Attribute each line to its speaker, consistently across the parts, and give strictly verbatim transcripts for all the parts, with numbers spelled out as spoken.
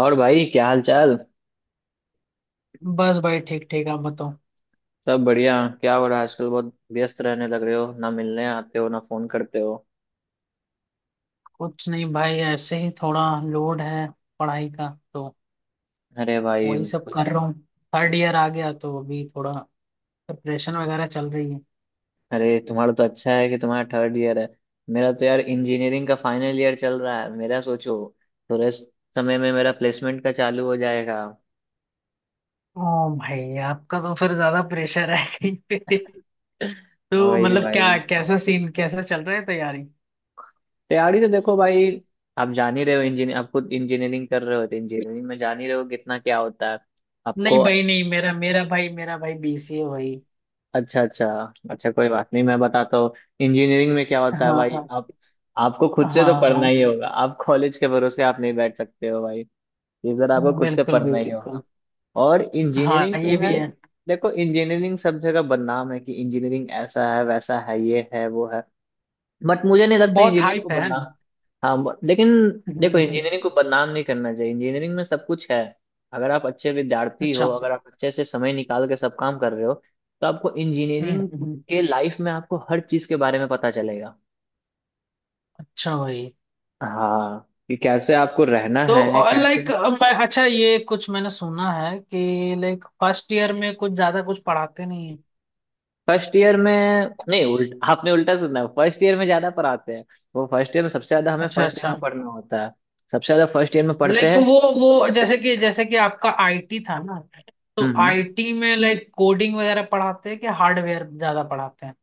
Speaker 1: और भाई क्या हाल चाल।
Speaker 2: बस भाई, ठीक ठीक। आप बताओ।
Speaker 1: सब बढ़िया। क्या हो रहा है आजकल, बहुत व्यस्त रहने लग रहे हो, ना मिलने आते हो ना फोन करते हो।
Speaker 2: कुछ नहीं भाई, ऐसे ही थोड़ा लोड है पढ़ाई का तो
Speaker 1: अरे भाई।
Speaker 2: वही सब कर रहा हूँ। थर्ड ईयर आ गया तो अभी थोड़ा प्रिपरेशन वगैरह चल रही है।
Speaker 1: अरे तुम्हारा तो अच्छा है कि तुम्हारा थर्ड ईयर है। मेरा तो यार इंजीनियरिंग का फाइनल ईयर चल रहा है मेरा, सोचो। थोड़े समय में मेरा प्लेसमेंट का चालू हो जाएगा।
Speaker 2: ओ। भाई आपका तो फिर ज्यादा प्रेशर है कहीं पे। तो
Speaker 1: वही
Speaker 2: मतलब
Speaker 1: भाई।
Speaker 2: क्या, कैसा सीन, कैसा चल रहा है तैयारी?
Speaker 1: तैयारी तो देखो भाई, आप जान ही रहे हो, इंजीनियर, आप खुद इंजीनियरिंग कर रहे हो तो इंजीनियरिंग में जान ही रहे हो कितना क्या होता है आपको।
Speaker 2: नहीं भाई, नहीं, मेरा मेरा भाई, मेरा भाई बीसीए भाई।
Speaker 1: अच्छा अच्छा। अच्छा कोई बात नहीं, मैं बताता हूँ। इंजीनियरिंग में क्या होता है
Speaker 2: हाँ
Speaker 1: भाई।
Speaker 2: हाँ,
Speaker 1: आप, आपको खुद से तो
Speaker 2: हाँ
Speaker 1: पढ़ना
Speaker 2: हाँ,
Speaker 1: ही होगा, आप कॉलेज के भरोसे आप नहीं बैठ सकते हो भाई। इधर आपको खुद से
Speaker 2: बिल्कुल भाई
Speaker 1: पढ़ना ही
Speaker 2: बिल्कुल।
Speaker 1: होगा। और
Speaker 2: हाँ,
Speaker 1: इंजीनियरिंग तो
Speaker 2: ये भी
Speaker 1: मैं,
Speaker 2: है।
Speaker 1: देखो इंजीनियरिंग सब जगह बदनाम है कि इंजीनियरिंग ऐसा है वैसा है ये है वो है। बट मुझे नहीं लगता
Speaker 2: बहुत
Speaker 1: इंजीनियरिंग को
Speaker 2: हाइप है
Speaker 1: बदनाम।
Speaker 2: ना।
Speaker 1: हाँ but- लेकिन।
Speaker 2: हम्म
Speaker 1: देखो
Speaker 2: हम्म।
Speaker 1: इंजीनियरिंग को बदनाम नहीं करना चाहिए, इंजीनियरिंग में सब कुछ है। अगर आप अच्छे विद्यार्थी
Speaker 2: अच्छा।
Speaker 1: हो, अगर आप अच्छे से समय निकाल के सब काम कर रहे हो तो आपको
Speaker 2: हम्म
Speaker 1: इंजीनियरिंग
Speaker 2: हम्म।
Speaker 1: के लाइफ में आपको हर चीज के बारे में पता चलेगा।
Speaker 2: अच्छा भाई।
Speaker 1: हाँ कि कैसे आपको रहना है,
Speaker 2: तो
Speaker 1: कैसे।
Speaker 2: लाइक, मैं, अच्छा, ये कुछ मैंने सुना है कि लाइक फर्स्ट ईयर में कुछ ज्यादा कुछ पढ़ाते नहीं है।
Speaker 1: फर्स्ट ईयर में, नहीं उल्ट आपने उल्टा सुना है, फर्स्ट ईयर में ज्यादा पढ़ाते हैं। वो फर्स्ट ईयर में सबसे ज्यादा, हमें
Speaker 2: अच्छा
Speaker 1: फर्स्ट ईयर
Speaker 2: अच्छा।
Speaker 1: में पढ़ना होता है। सबसे ज्यादा फर्स्ट ईयर में पढ़ते
Speaker 2: लाइक
Speaker 1: हैं।
Speaker 2: वो वो, जैसे कि जैसे कि आपका आईटी था ना।
Speaker 1: हम्म
Speaker 2: तो
Speaker 1: हम्म।
Speaker 2: आईटी में लाइक कोडिंग वगैरह पढ़ाते हैं कि हार्डवेयर ज्यादा पढ़ाते हैं?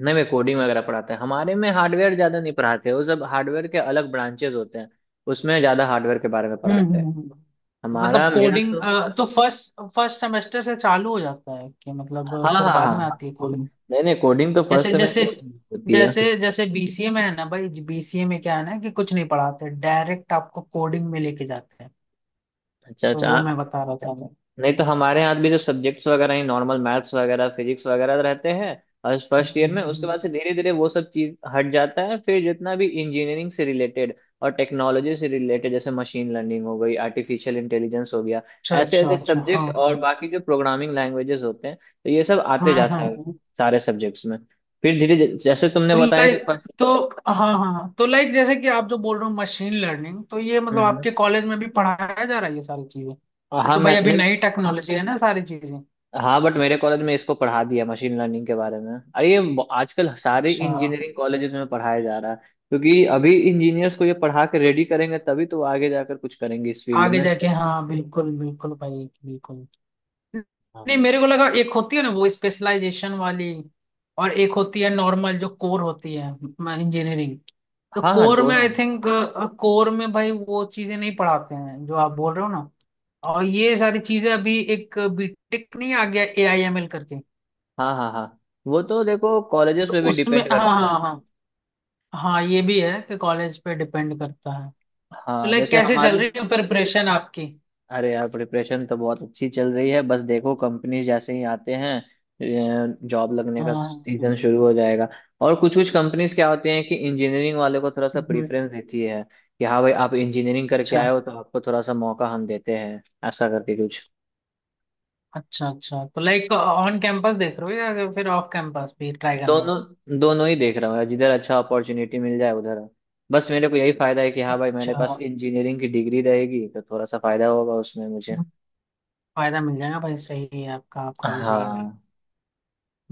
Speaker 1: नहीं मैं, कोडिंग वगैरह पढ़ाते हैं हमारे में, हार्डवेयर ज्यादा नहीं पढ़ाते, वो सब हार्डवेयर के अलग ब्रांचेस होते हैं। उसमें ज्यादा हार्डवेयर के बारे में
Speaker 2: हम्म
Speaker 1: पढ़ाते हैं।
Speaker 2: हम्म, हम्म।
Speaker 1: हमारा
Speaker 2: मतलब
Speaker 1: मेरा
Speaker 2: कोडिंग
Speaker 1: तो,
Speaker 2: तो फर्स्ट फर्स्ट सेमेस्टर से चालू हो जाता है कि
Speaker 1: हाँ
Speaker 2: मतलब फिर
Speaker 1: हाँ
Speaker 2: बाद में
Speaker 1: हाँ।
Speaker 2: आती है?
Speaker 1: नहीं नहीं, कोडिंग तो फर्स्ट
Speaker 2: जैसे जैसे
Speaker 1: सेमेस्टर से होती है।
Speaker 2: जैसे जैसे बीसीए में है ना भाई। बीसीए में क्या है ना कि कुछ नहीं पढ़ाते, डायरेक्ट आपको कोडिंग में लेके जाते हैं।
Speaker 1: अच्छा
Speaker 2: तो
Speaker 1: अच्छा।
Speaker 2: वो मैं बता रहा था। हम्म।
Speaker 1: नहीं तो हमारे यहाँ भी जो सब्जेक्ट्स वगैरह हैं, नॉर्मल मैथ्स वगैरह फिजिक्स वगैरह रहते हैं। और फर्स्ट
Speaker 2: हम्म,
Speaker 1: ईयर में, उसके
Speaker 2: हम्म।
Speaker 1: बाद से धीरे धीरे वो सब चीज हट जाता है, फिर जितना भी इंजीनियरिंग से रिलेटेड और टेक्नोलॉजी से रिलेटेड, जैसे मशीन लर्निंग हो गई, आर्टिफिशियल इंटेलिजेंस हो गया,
Speaker 2: अच्छा
Speaker 1: ऐसे
Speaker 2: अच्छा
Speaker 1: ऐसे
Speaker 2: अच्छा।
Speaker 1: सब्जेक्ट
Speaker 2: हाँ
Speaker 1: और बाकी जो प्रोग्रामिंग लैंग्वेजेस होते हैं, तो ये सब आते
Speaker 2: हाँ हाँ
Speaker 1: जाता है
Speaker 2: हाँ।
Speaker 1: सारे सब्जेक्ट्स में। फिर धीरे जैसे तुमने
Speaker 2: तो
Speaker 1: बताया कि
Speaker 2: लाइक, तो हाँ हाँ हाँ। तो लाइक, जैसे कि आप जो बोल रहे हो मशीन लर्निंग, तो ये मतलब आपके
Speaker 1: फर्स्ट,
Speaker 2: कॉलेज में भी पढ़ाया जा रहा है ये सारी चीजें? ये
Speaker 1: हाँ
Speaker 2: तो भाई
Speaker 1: मैं
Speaker 2: अभी
Speaker 1: नहीं।
Speaker 2: नई टेक्नोलॉजी है ना सारी चीजें।
Speaker 1: हाँ बट मेरे कॉलेज में इसको पढ़ा दिया मशीन लर्निंग के बारे में, अरे ये ब- आजकल सारे
Speaker 2: अच्छा।
Speaker 1: इंजीनियरिंग कॉलेजेस में पढ़ाया जा रहा है। क्योंकि अभी इंजीनियर्स को ये पढ़ा के रेडी करेंगे तभी तो वो आगे जाकर कुछ करेंगे इस फील्ड
Speaker 2: आगे
Speaker 1: में।
Speaker 2: जाके हाँ, बिल्कुल बिल्कुल भाई बिल्कुल। नहीं, मेरे
Speaker 1: हाँ
Speaker 2: को लगा एक होती है ना वो स्पेशलाइजेशन वाली, और एक होती है नॉर्मल जो कोर होती है, इंजीनियरिंग। तो
Speaker 1: हाँ हाँ
Speaker 2: कोर में
Speaker 1: दोनों।
Speaker 2: आई थिंक कोर में भाई वो चीजें नहीं पढ़ाते हैं जो आप बोल रहे हो ना। और ये सारी चीजें अभी एक बीटेक नहीं आ गया ए आई एम एल करके।
Speaker 1: हाँ हाँ हाँ, वो तो देखो कॉलेजेस
Speaker 2: तो
Speaker 1: पे भी
Speaker 2: उसमें,
Speaker 1: डिपेंड
Speaker 2: हाँ
Speaker 1: करता है।
Speaker 2: हाँ हाँ। हाँ ये भी है कि कॉलेज पे डिपेंड करता है। तो
Speaker 1: हाँ
Speaker 2: लाइक,
Speaker 1: जैसे
Speaker 2: कैसे
Speaker 1: हमारे,
Speaker 2: चल रही है प्रिपरेशन आपकी?
Speaker 1: अरे यार प्रिपरेशन तो बहुत अच्छी चल रही है, बस देखो कंपनी जैसे ही आते हैं जॉब लगने का
Speaker 2: हाँ,
Speaker 1: सीजन शुरू हो जाएगा। और कुछ कुछ कंपनीज क्या होती हैं कि इंजीनियरिंग वाले को थोड़ा सा
Speaker 2: हम्म।
Speaker 1: प्रेफरेंस देती है कि हाँ भाई आप इंजीनियरिंग करके
Speaker 2: अच्छा
Speaker 1: आए हो तो आपको थोड़ा सा मौका हम देते हैं, ऐसा करके कुछ।
Speaker 2: अच्छा अच्छा। तो लाइक ऑन कैंपस देख रहे हो या फिर ऑफ कैंपस भी ट्राई करना है?
Speaker 1: दोनों दोनों ही देख रहा हूँ यार, जिधर अच्छा अपॉर्चुनिटी मिल जाए उधर। बस मेरे को यही फायदा है कि हाँ भाई,
Speaker 2: अच्छा,
Speaker 1: मेरे पास
Speaker 2: हम्म।
Speaker 1: इंजीनियरिंग की डिग्री रहेगी तो थोड़ा सा फायदा होगा उसमें मुझे।
Speaker 2: फायदा मिल जाएगा भाई, सही है। आपका आपका भी सही है भाई।
Speaker 1: हाँ।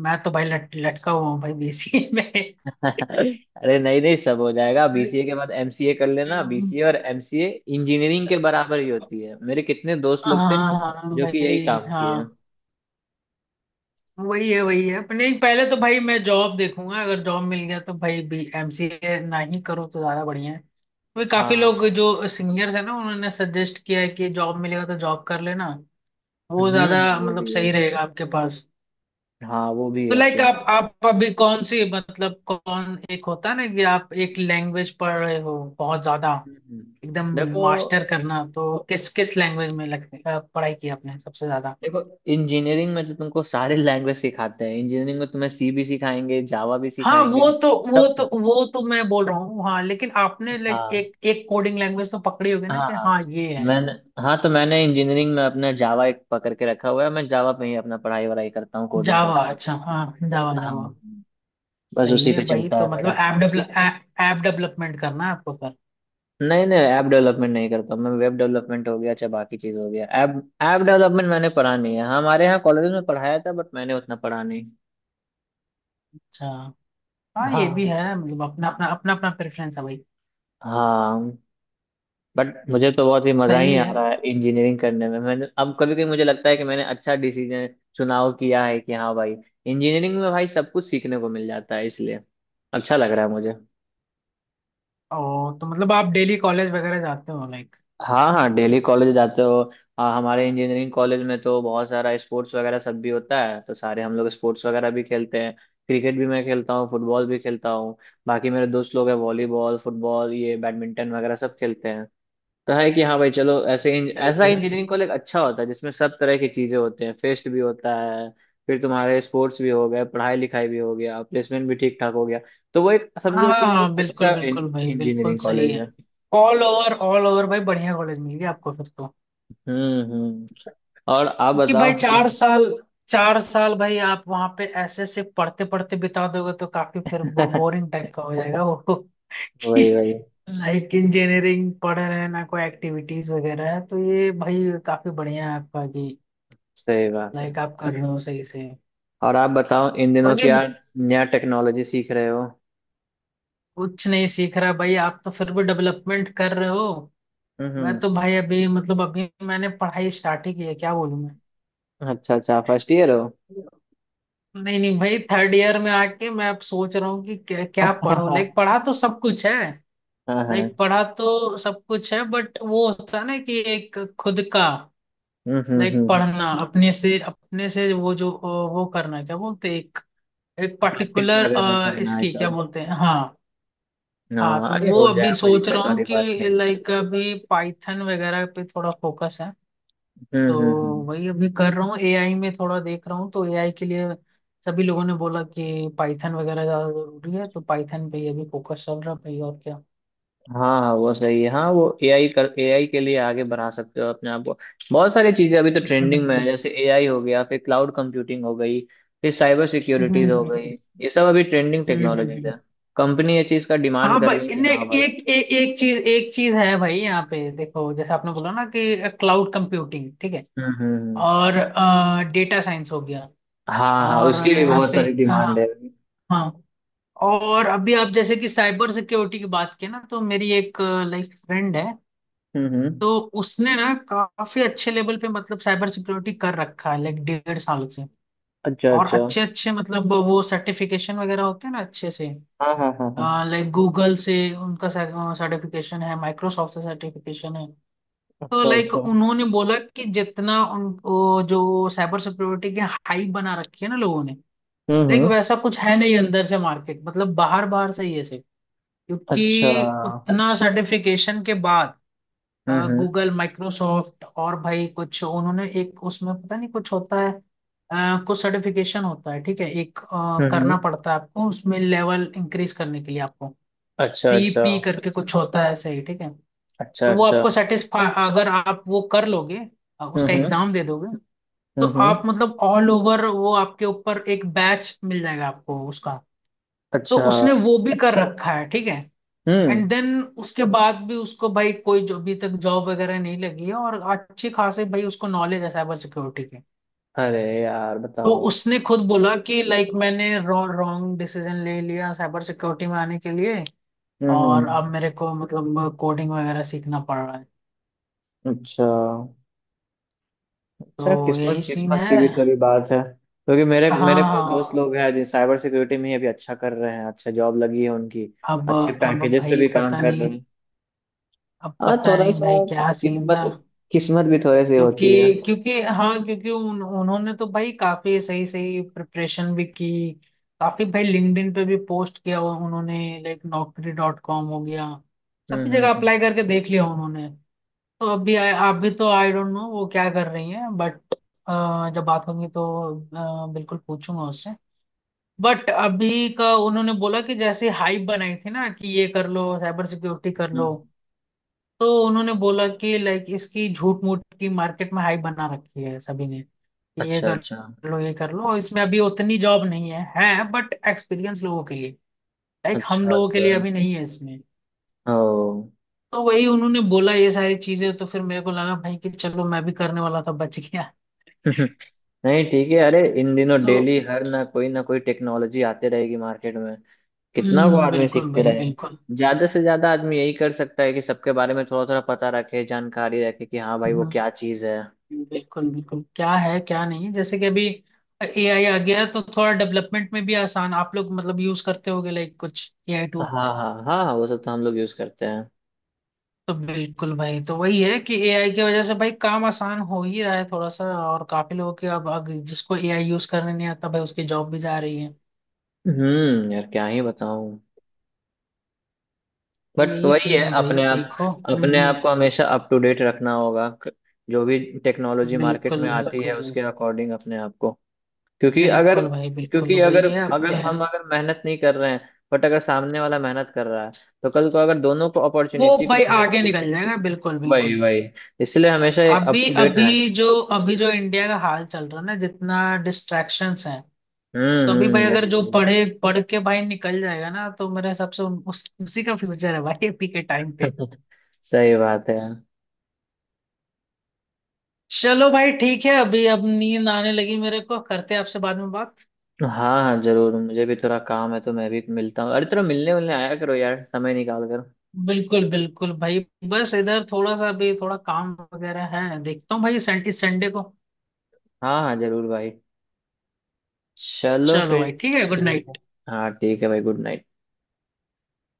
Speaker 2: मैं तो भाई लट, लटका हुआ हूँ भाई बीसीए में।
Speaker 1: अरे नहीं नहीं, सब हो जाएगा। बीसीए के बाद एमसीए कर लेना, बीसीए और एमसीए इंजीनियरिंग के बराबर ही होती है, मेरे कितने दोस्त लोग थे
Speaker 2: हाँ हाँ
Speaker 1: जो कि यही
Speaker 2: भाई,
Speaker 1: काम किए हैं।
Speaker 2: हाँ। वही है वही है अपने। पहले तो भाई मैं जॉब देखूंगा। अगर जॉब मिल गया तो भाई बी एमसीए ना ही करो तो ज्यादा बढ़िया है। वही, काफी
Speaker 1: हाँ
Speaker 2: लोग
Speaker 1: हाँ।
Speaker 2: जो सीनियर्स है ना उन्होंने सजेस्ट किया है कि जॉब मिलेगा तो जॉब कर लेना, वो
Speaker 1: हम्म
Speaker 2: ज्यादा
Speaker 1: हम्म, वो
Speaker 2: मतलब
Speaker 1: भी है।
Speaker 2: सही रहेगा आपके पास।
Speaker 1: हाँ वो भी है
Speaker 2: तो लाइक
Speaker 1: ऑप्शन।
Speaker 2: आप आप अभी कौन सी, मतलब कौन, एक होता है ना कि आप एक लैंग्वेज पढ़ रहे हो बहुत ज्यादा,
Speaker 1: हम्म हम्म।
Speaker 2: एकदम
Speaker 1: देखो,
Speaker 2: मास्टर करना, तो किस किस लैंग्वेज में लग, अ, पढ़ाई की आपने सबसे ज्यादा?
Speaker 1: देखो इंजीनियरिंग में तो तुमको सारे लैंग्वेज सिखाते हैं, इंजीनियरिंग में तुम्हें सी भी सिखाएंगे जावा भी
Speaker 2: हाँ
Speaker 1: सिखाएंगे
Speaker 2: वो तो वो
Speaker 1: सब
Speaker 2: तो
Speaker 1: कुछ।
Speaker 2: वो तो मैं बोल रहा हूँ, हाँ, लेकिन आपने लाइक
Speaker 1: हाँ
Speaker 2: एक एक कोडिंग लैंग्वेज तो पकड़ी होगी ना
Speaker 1: हाँ
Speaker 2: कि
Speaker 1: हाँ
Speaker 2: हाँ ये है।
Speaker 1: मैंने, हाँ तो मैंने इंजीनियरिंग में अपना जावा एक पकड़ के रखा हुआ है, मैं जावा पे ही अपना पढ़ाई वढ़ाई करता हूँ कोडिंग
Speaker 2: जावा,
Speaker 1: करता हूँ।
Speaker 2: अच्छा, हाँ जावा जावा।
Speaker 1: हाँ बस
Speaker 2: सही
Speaker 1: उसी
Speaker 2: है
Speaker 1: पे
Speaker 2: भाई।
Speaker 1: चलता
Speaker 2: तो
Speaker 1: है
Speaker 2: मतलब
Speaker 1: मेरा।
Speaker 2: ऐप डेवलप ऐप डेवलपमेंट करना है आपको फिर?
Speaker 1: नहीं नहीं ऐप डेवलपमेंट नहीं करता मैं, वेब डेवलपमेंट हो गया चाहे बाकी चीज हो गया, ऐप, ऐप डेवलपमेंट मैंने पढ़ा नहीं है। हाँ, हमारे यहाँ कॉलेज में पढ़ाया था बट मैंने उतना पढ़ा नहीं।
Speaker 2: अच्छा। हाँ ये भी
Speaker 1: हाँ
Speaker 2: है, मतलब अपना अपना अपना अपना प्रेफरेंस है भाई।
Speaker 1: हाँ। बट मुझे तो बहुत ही मजा ही
Speaker 2: सही
Speaker 1: आ
Speaker 2: है।
Speaker 1: रहा है इंजीनियरिंग करने में। मैंने, अब कभी कभी मुझे लगता है कि मैंने अच्छा डिसीजन चुनाव किया है कि हाँ भाई इंजीनियरिंग में भाई सब कुछ सीखने को मिल जाता है, इसलिए अच्छा लग रहा है मुझे।
Speaker 2: और तो मतलब आप डेली कॉलेज वगैरह जाते हो लाइक?
Speaker 1: हाँ हाँ डेली कॉलेज जाते हो। हाँ हमारे इंजीनियरिंग कॉलेज में तो बहुत सारा स्पोर्ट्स वगैरह सब भी होता है, तो सारे हम लोग स्पोर्ट्स वगैरह भी खेलते हैं। क्रिकेट भी मैं खेलता हूँ, फुटबॉल भी खेलता हूँ। बाकी मेरे दोस्त लोग हैं, वॉलीबॉल फुटबॉल ये बैडमिंटन वगैरह सब खेलते हैं। तो है कि हाँ भाई चलो, ऐसे इंज- ऐसा
Speaker 2: सही है भाई।
Speaker 1: इंजीनियरिंग कॉलेज अच्छा होता है जिसमें सब तरह की चीज़ें होते हैं, फेस्ट भी होता है। फिर तुम्हारे स्पोर्ट्स भी हो गए, पढ़ाई लिखाई भी हो गया, प्लेसमेंट भी ठीक ठाक हो गया, तो वो एक
Speaker 2: हाँ
Speaker 1: समझो
Speaker 2: हाँ
Speaker 1: कि वो
Speaker 2: हाँ,
Speaker 1: एक
Speaker 2: बिल्कुल
Speaker 1: अच्छा
Speaker 2: बिल्कुल भाई बिल्कुल
Speaker 1: इंजीनियरिंग
Speaker 2: सही
Speaker 1: कॉलेज
Speaker 2: है।
Speaker 1: है।
Speaker 2: ऑल ओवर, ऑल ओवर भाई बढ़िया कॉलेज मिल गया आपको फिर तो।
Speaker 1: हम्म हम्म। और आप
Speaker 2: क्योंकि
Speaker 1: बताओ
Speaker 2: भाई चार
Speaker 1: इन,
Speaker 2: साल चार साल भाई आप वहां पे ऐसे ऐसे पढ़ते पढ़ते बिता दोगे तो काफी फिर बोरिंग टाइप का हो जाएगा वो। कि
Speaker 1: वही वही।
Speaker 2: लाइक इंजीनियरिंग पढ़ रहे हैं ना, कोई एक्टिविटीज वगैरह है, तो ये भाई काफी बढ़िया है आपका कि
Speaker 1: सही बात है।
Speaker 2: लाइक आप कर रहे हो सही से।
Speaker 1: और आप बताओ इन दिनों
Speaker 2: बाकी,
Speaker 1: क्या नया टेक्नोलॉजी सीख रहे हो।
Speaker 2: कुछ नहीं सीख रहा भाई, आप तो फिर भी डेवलपमेंट कर रहे हो।
Speaker 1: हम्म
Speaker 2: मैं
Speaker 1: हम्म।
Speaker 2: तो भाई अभी, मतलब अभी मैंने पढ़ाई स्टार्ट ही की है, क्या बोलूं मैं।
Speaker 1: अच्छा अच्छा, फर्स्ट ईयर हो।
Speaker 2: नहीं नहीं भाई, थर्ड ईयर में आके मैं अब सोच रहा हूँ कि क्या, क्या पढूं,
Speaker 1: हाँ
Speaker 2: लाइक, पढ़ा तो सब कुछ है।
Speaker 1: हाँ।
Speaker 2: लाइक पढ़ा तो सब कुछ है, बट वो होता है ना कि एक खुद का।
Speaker 1: हम्म हम्म
Speaker 2: लाइक
Speaker 1: हम्म।
Speaker 2: पढ़ना, अपने से अपने से वो जो अ, वो करना, क्या बोलते हैं, एक एक
Speaker 1: प्रैक्टिस
Speaker 2: पर्टिकुलर।
Speaker 1: वगैरह करना है
Speaker 2: इसकी क्या
Speaker 1: सब।
Speaker 2: बोलते हैं, हाँ। हाँ
Speaker 1: हाँ
Speaker 2: तो
Speaker 1: अरे
Speaker 2: वो
Speaker 1: हो
Speaker 2: अभी
Speaker 1: जाएगा, कोई
Speaker 2: सोच रहा
Speaker 1: दिक्कत
Speaker 2: हूँ
Speaker 1: वाली बात
Speaker 2: कि
Speaker 1: नहीं है।
Speaker 2: लाइक अभी पाइथन वगैरह पे थोड़ा फोकस है।
Speaker 1: हम्म
Speaker 2: तो
Speaker 1: हम्म हम्म।
Speaker 2: वही अभी कर रहा हूँ, एआई में थोड़ा देख रहा हूँ, तो एआई के लिए सभी लोगों ने बोला कि पाइथन वगैरह ज़्यादा ज़रूरी है, तो पाइथन पे ही अभी फोकस चल रहा है भाई और क्या।
Speaker 1: हाँ हाँ वो सही है, हाँ वो एआई कर, एआई के लिए आगे बढ़ा सकते हो अपने आप को। बहुत सारी चीजें अभी तो ट्रेंडिंग में है,
Speaker 2: हम्म
Speaker 1: जैसे एआई हो गया, फिर क्लाउड कंप्यूटिंग हो गई, फिर साइबर सिक्योरिटीज
Speaker 2: हम्म
Speaker 1: हो गई। ये सब अभी ट्रेंडिंग
Speaker 2: हम्म
Speaker 1: टेक्नोलॉजीज है।
Speaker 2: हम्म।
Speaker 1: कंपनी ये चीज का डिमांड
Speaker 2: हाँ
Speaker 1: कर रही है
Speaker 2: भाई
Speaker 1: कि
Speaker 2: ने
Speaker 1: हाँ
Speaker 2: एक
Speaker 1: भाई।
Speaker 2: एक एक चीज, एक चीज है भाई यहाँ पे देखो, जैसे आपने बोला ना कि क्लाउड कंप्यूटिंग ठीक है,
Speaker 1: हम्म हम्म हम्म।
Speaker 2: और डेटा साइंस हो गया,
Speaker 1: हाँ हाँ
Speaker 2: और
Speaker 1: उसकी भी
Speaker 2: यहाँ
Speaker 1: बहुत
Speaker 2: पे,
Speaker 1: सारी
Speaker 2: हाँ,
Speaker 1: डिमांड है अभी।
Speaker 2: हाँ। और अभी आप जैसे कि साइबर सिक्योरिटी की बात की ना, तो मेरी एक, लाइक, फ्रेंड है।
Speaker 1: हम्म हम्म।
Speaker 2: तो उसने ना काफी अच्छे लेवल पे मतलब साइबर सिक्योरिटी कर रखा है लाइक डेढ़ साल से।
Speaker 1: अच्छा
Speaker 2: और
Speaker 1: अच्छा।
Speaker 2: अच्छे अच्छे मतलब वो सर्टिफिकेशन वगैरह होते हैं ना अच्छे से।
Speaker 1: हाँ हाँ हाँ हाँ।
Speaker 2: लाइक गूगल से उनका सर्टिफिकेशन है, माइक्रोसॉफ्ट से सर्टिफिकेशन है। तो
Speaker 1: अच्छा
Speaker 2: लाइक
Speaker 1: अच्छा।
Speaker 2: उन्होंने बोला कि जितना उन वो जो साइबर सिक्योरिटी की हाइप बना रखी है ना लोगों ने,
Speaker 1: हम्म
Speaker 2: लाइक
Speaker 1: हम्म।
Speaker 2: वैसा कुछ है नहीं, अंदर से मार्केट मतलब बाहर बाहर से ही है।
Speaker 1: अच्छा।
Speaker 2: क्योंकि उतना सर्टिफिकेशन के बाद
Speaker 1: हम्म हम्म
Speaker 2: गूगल, माइक्रोसॉफ्ट, और भाई कुछ उन्होंने एक उसमें पता नहीं कुछ होता है। अ, कुछ सर्टिफिकेशन होता है ठीक है, एक अ,
Speaker 1: हम्म
Speaker 2: करना
Speaker 1: हम्म।
Speaker 2: पड़ता है आपको उसमें लेवल इंक्रीज करने के लिए आपको,
Speaker 1: अच्छा अच्छा
Speaker 2: सी पी करके कुछ होता है, सही ठीक है।
Speaker 1: अच्छा
Speaker 2: तो वो
Speaker 1: अच्छा।
Speaker 2: आपको सेटिस्फाई, अगर आप वो कर लोगे, अ, उसका
Speaker 1: हम्म हम्म
Speaker 2: एग्जाम दे दोगे, तो
Speaker 1: हम्म
Speaker 2: आप
Speaker 1: हम्म।
Speaker 2: मतलब ऑल ओवर वो आपके ऊपर एक बैच मिल जाएगा आपको उसका। तो
Speaker 1: अच्छा।
Speaker 2: उसने वो भी कर रखा है ठीक है।
Speaker 1: हम्म।
Speaker 2: एंड देन उसके बाद भी उसको भाई कोई जो अभी तक जॉब वगैरह नहीं लगी है, और अच्छी खासी भाई उसको नॉलेज है साइबर सिक्योरिटी की।
Speaker 1: अरे यार
Speaker 2: तो
Speaker 1: बताओ।
Speaker 2: उसने खुद बोला कि लाइक मैंने रॉन्ग डिसीजन ले लिया साइबर सिक्योरिटी में आने के लिए,
Speaker 1: हम्म।
Speaker 2: और अब मेरे को मतलब कोडिंग वगैरह सीखना पड़ रहा है।
Speaker 1: अच्छा अच्छा।
Speaker 2: तो यही
Speaker 1: किस्मत
Speaker 2: सीन
Speaker 1: किस्मत
Speaker 2: है।
Speaker 1: की भी थोड़ी बात है, क्योंकि मेरे
Speaker 2: हाँ,
Speaker 1: मेरे कुछ दोस्त
Speaker 2: हाँ।
Speaker 1: लोग हैं जो साइबर सिक्योरिटी में ही अभी अच्छा कर रहे हैं, अच्छा जॉब लगी है उनकी।
Speaker 2: अब
Speaker 1: अच्छे
Speaker 2: अब
Speaker 1: पैकेजेस पे
Speaker 2: भाई
Speaker 1: भी काम
Speaker 2: पता
Speaker 1: कर रहे
Speaker 2: नहीं,
Speaker 1: हैं।
Speaker 2: अब
Speaker 1: हाँ
Speaker 2: पता
Speaker 1: थोड़ा
Speaker 2: नहीं
Speaker 1: सा
Speaker 2: भाई क्या सीन
Speaker 1: किस्मत,
Speaker 2: था।
Speaker 1: किस्मत भी थोड़ी सी
Speaker 2: क्योंकि
Speaker 1: होती है।
Speaker 2: क्योंकि हाँ, क्योंकि उन, उन्होंने तो भाई काफी सही सही प्रिपरेशन भी की। काफी भाई लिंक्डइन पे भी पोस्ट किया हुआ उन्होंने, लाइक नौकरी डॉट कॉम हो गया,
Speaker 1: हम्म
Speaker 2: सभी
Speaker 1: हम्म
Speaker 2: जगह
Speaker 1: हम्म
Speaker 2: अप्लाई करके देख लिया उन्होंने। तो अभी आ, आप भी तो, आई डोंट नो वो क्या कर रही हैं बट जब बात होगी तो अ, बिल्कुल पूछूंगा उससे। बट अभी का उन्होंने बोला कि जैसे हाइप बनाई थी ना कि ये कर लो साइबर सिक्योरिटी कर लो,
Speaker 1: हम्म।
Speaker 2: तो उन्होंने बोला कि लाइक इसकी झूठ मूठ की मार्केट में हाइप बना रखी है सभी ने कि ये
Speaker 1: अच्छा
Speaker 2: कर
Speaker 1: अच्छा
Speaker 2: लो ये कर लो, इसमें अभी उतनी जॉब नहीं है है बट एक्सपीरियंस लोगों के लिए, लाइक हम
Speaker 1: अच्छा
Speaker 2: लोगों के
Speaker 1: अच्छा।
Speaker 2: लिए अभी नहीं है इसमें।
Speaker 1: ओ।
Speaker 2: तो वही उन्होंने बोला ये सारी चीजें, तो फिर मेरे को लगा भाई कि चलो मैं भी करने वाला था, बच गया।
Speaker 1: नहीं ठीक है, अरे इन दिनों
Speaker 2: तो
Speaker 1: डेली हर ना कोई ना कोई टेक्नोलॉजी आते रहेगी मार्केट में। कितना वो
Speaker 2: हम्म।
Speaker 1: आदमी
Speaker 2: बिल्कुल
Speaker 1: सीखते
Speaker 2: भाई
Speaker 1: रहेगा।
Speaker 2: बिल्कुल।
Speaker 1: ज्यादा से ज्यादा आदमी यही कर सकता है कि सबके बारे में थोड़ा थोड़ा पता रखे, जानकारी रखे कि हाँ भाई वो
Speaker 2: हम्म,
Speaker 1: क्या चीज है।
Speaker 2: बिल्कुल बिल्कुल क्या है क्या नहीं, जैसे कि अभी एआई आ गया है, तो थोड़ा डेवलपमेंट में भी आसान आप लोग मतलब यूज करते होगे लाइक कुछ एआई।
Speaker 1: हाँ हाँ हाँ हाँ, वो सब तो हम लोग यूज करते हैं।
Speaker 2: तो बिल्कुल भाई, तो वही है कि एआई की वजह से भाई काम आसान हो ही रहा है थोड़ा सा, और काफी लोगों के अब अब जिसको एआई यूज करने नहीं आता भाई उसकी जॉब भी जा रही है।
Speaker 1: हम्म यार क्या ही बताऊं।
Speaker 2: तो
Speaker 1: बट
Speaker 2: यही
Speaker 1: वही
Speaker 2: सीन
Speaker 1: है
Speaker 2: है भाई
Speaker 1: अपने आप,
Speaker 2: देखो। हम्म
Speaker 1: अपने
Speaker 2: हम्म,
Speaker 1: आप को हमेशा अप टू डेट रखना होगा, क- जो भी टेक्नोलॉजी मार्केट में
Speaker 2: बिल्कुल
Speaker 1: आती है
Speaker 2: बिल्कुल।
Speaker 1: उसके अकॉर्डिंग अपने आप को। क्योंकि अगर
Speaker 2: बिल्कुल भाई बिल्कुल।
Speaker 1: क्योंकि अगर,
Speaker 2: वही है
Speaker 1: अगर
Speaker 2: अपने।
Speaker 1: हम अगर मेहनत नहीं कर रहे हैं, बट अगर सामने वाला मेहनत कर रहा है, तो कल को अगर दोनों को
Speaker 2: वो
Speaker 1: अपॉर्चुनिटी
Speaker 2: भाई
Speaker 1: कुछ मिल।
Speaker 2: आगे निकल जाएगा बिल्कुल
Speaker 1: वही
Speaker 2: बिल्कुल।
Speaker 1: वही। इसलिए हमेशा अप
Speaker 2: अभी
Speaker 1: टू डेट
Speaker 2: अभी
Speaker 1: रहना।
Speaker 2: जो अभी जो इंडिया का हाल चल रहा है ना जितना डिस्ट्रैक्शंस हैं, तो
Speaker 1: हम्म
Speaker 2: अभी भाई
Speaker 1: हम्म
Speaker 2: अगर
Speaker 1: वही
Speaker 2: जो
Speaker 1: वही।
Speaker 2: पढ़े पढ़ के भाई निकल जाएगा ना, तो मेरे हिसाब से उन- उस, उसी का फ्यूचर है भाई अभी के टाइम पे।
Speaker 1: सही बात है यार।
Speaker 2: चलो भाई ठीक है अभी। अब नींद आने लगी मेरे को, करते हैं आपसे बाद में बात।
Speaker 1: हाँ हाँ जरूर, मुझे भी थोड़ा काम है तो मैं भी मिलता हूँ, अरे थोड़ा मिलने मिलने आया करो यार समय निकाल कर।
Speaker 2: बिल्कुल बिल्कुल भाई। बस इधर थोड़ा सा अभी थोड़ा काम वगैरह है, देखता हूँ भाई सैंटी संडे को।
Speaker 1: हाँ हाँ जरूर भाई। चलो
Speaker 2: चलो
Speaker 1: फिर।
Speaker 2: भाई ठीक है। गुड
Speaker 1: ठीक है।
Speaker 2: नाइट।
Speaker 1: हाँ ठीक है भाई, गुड नाइट।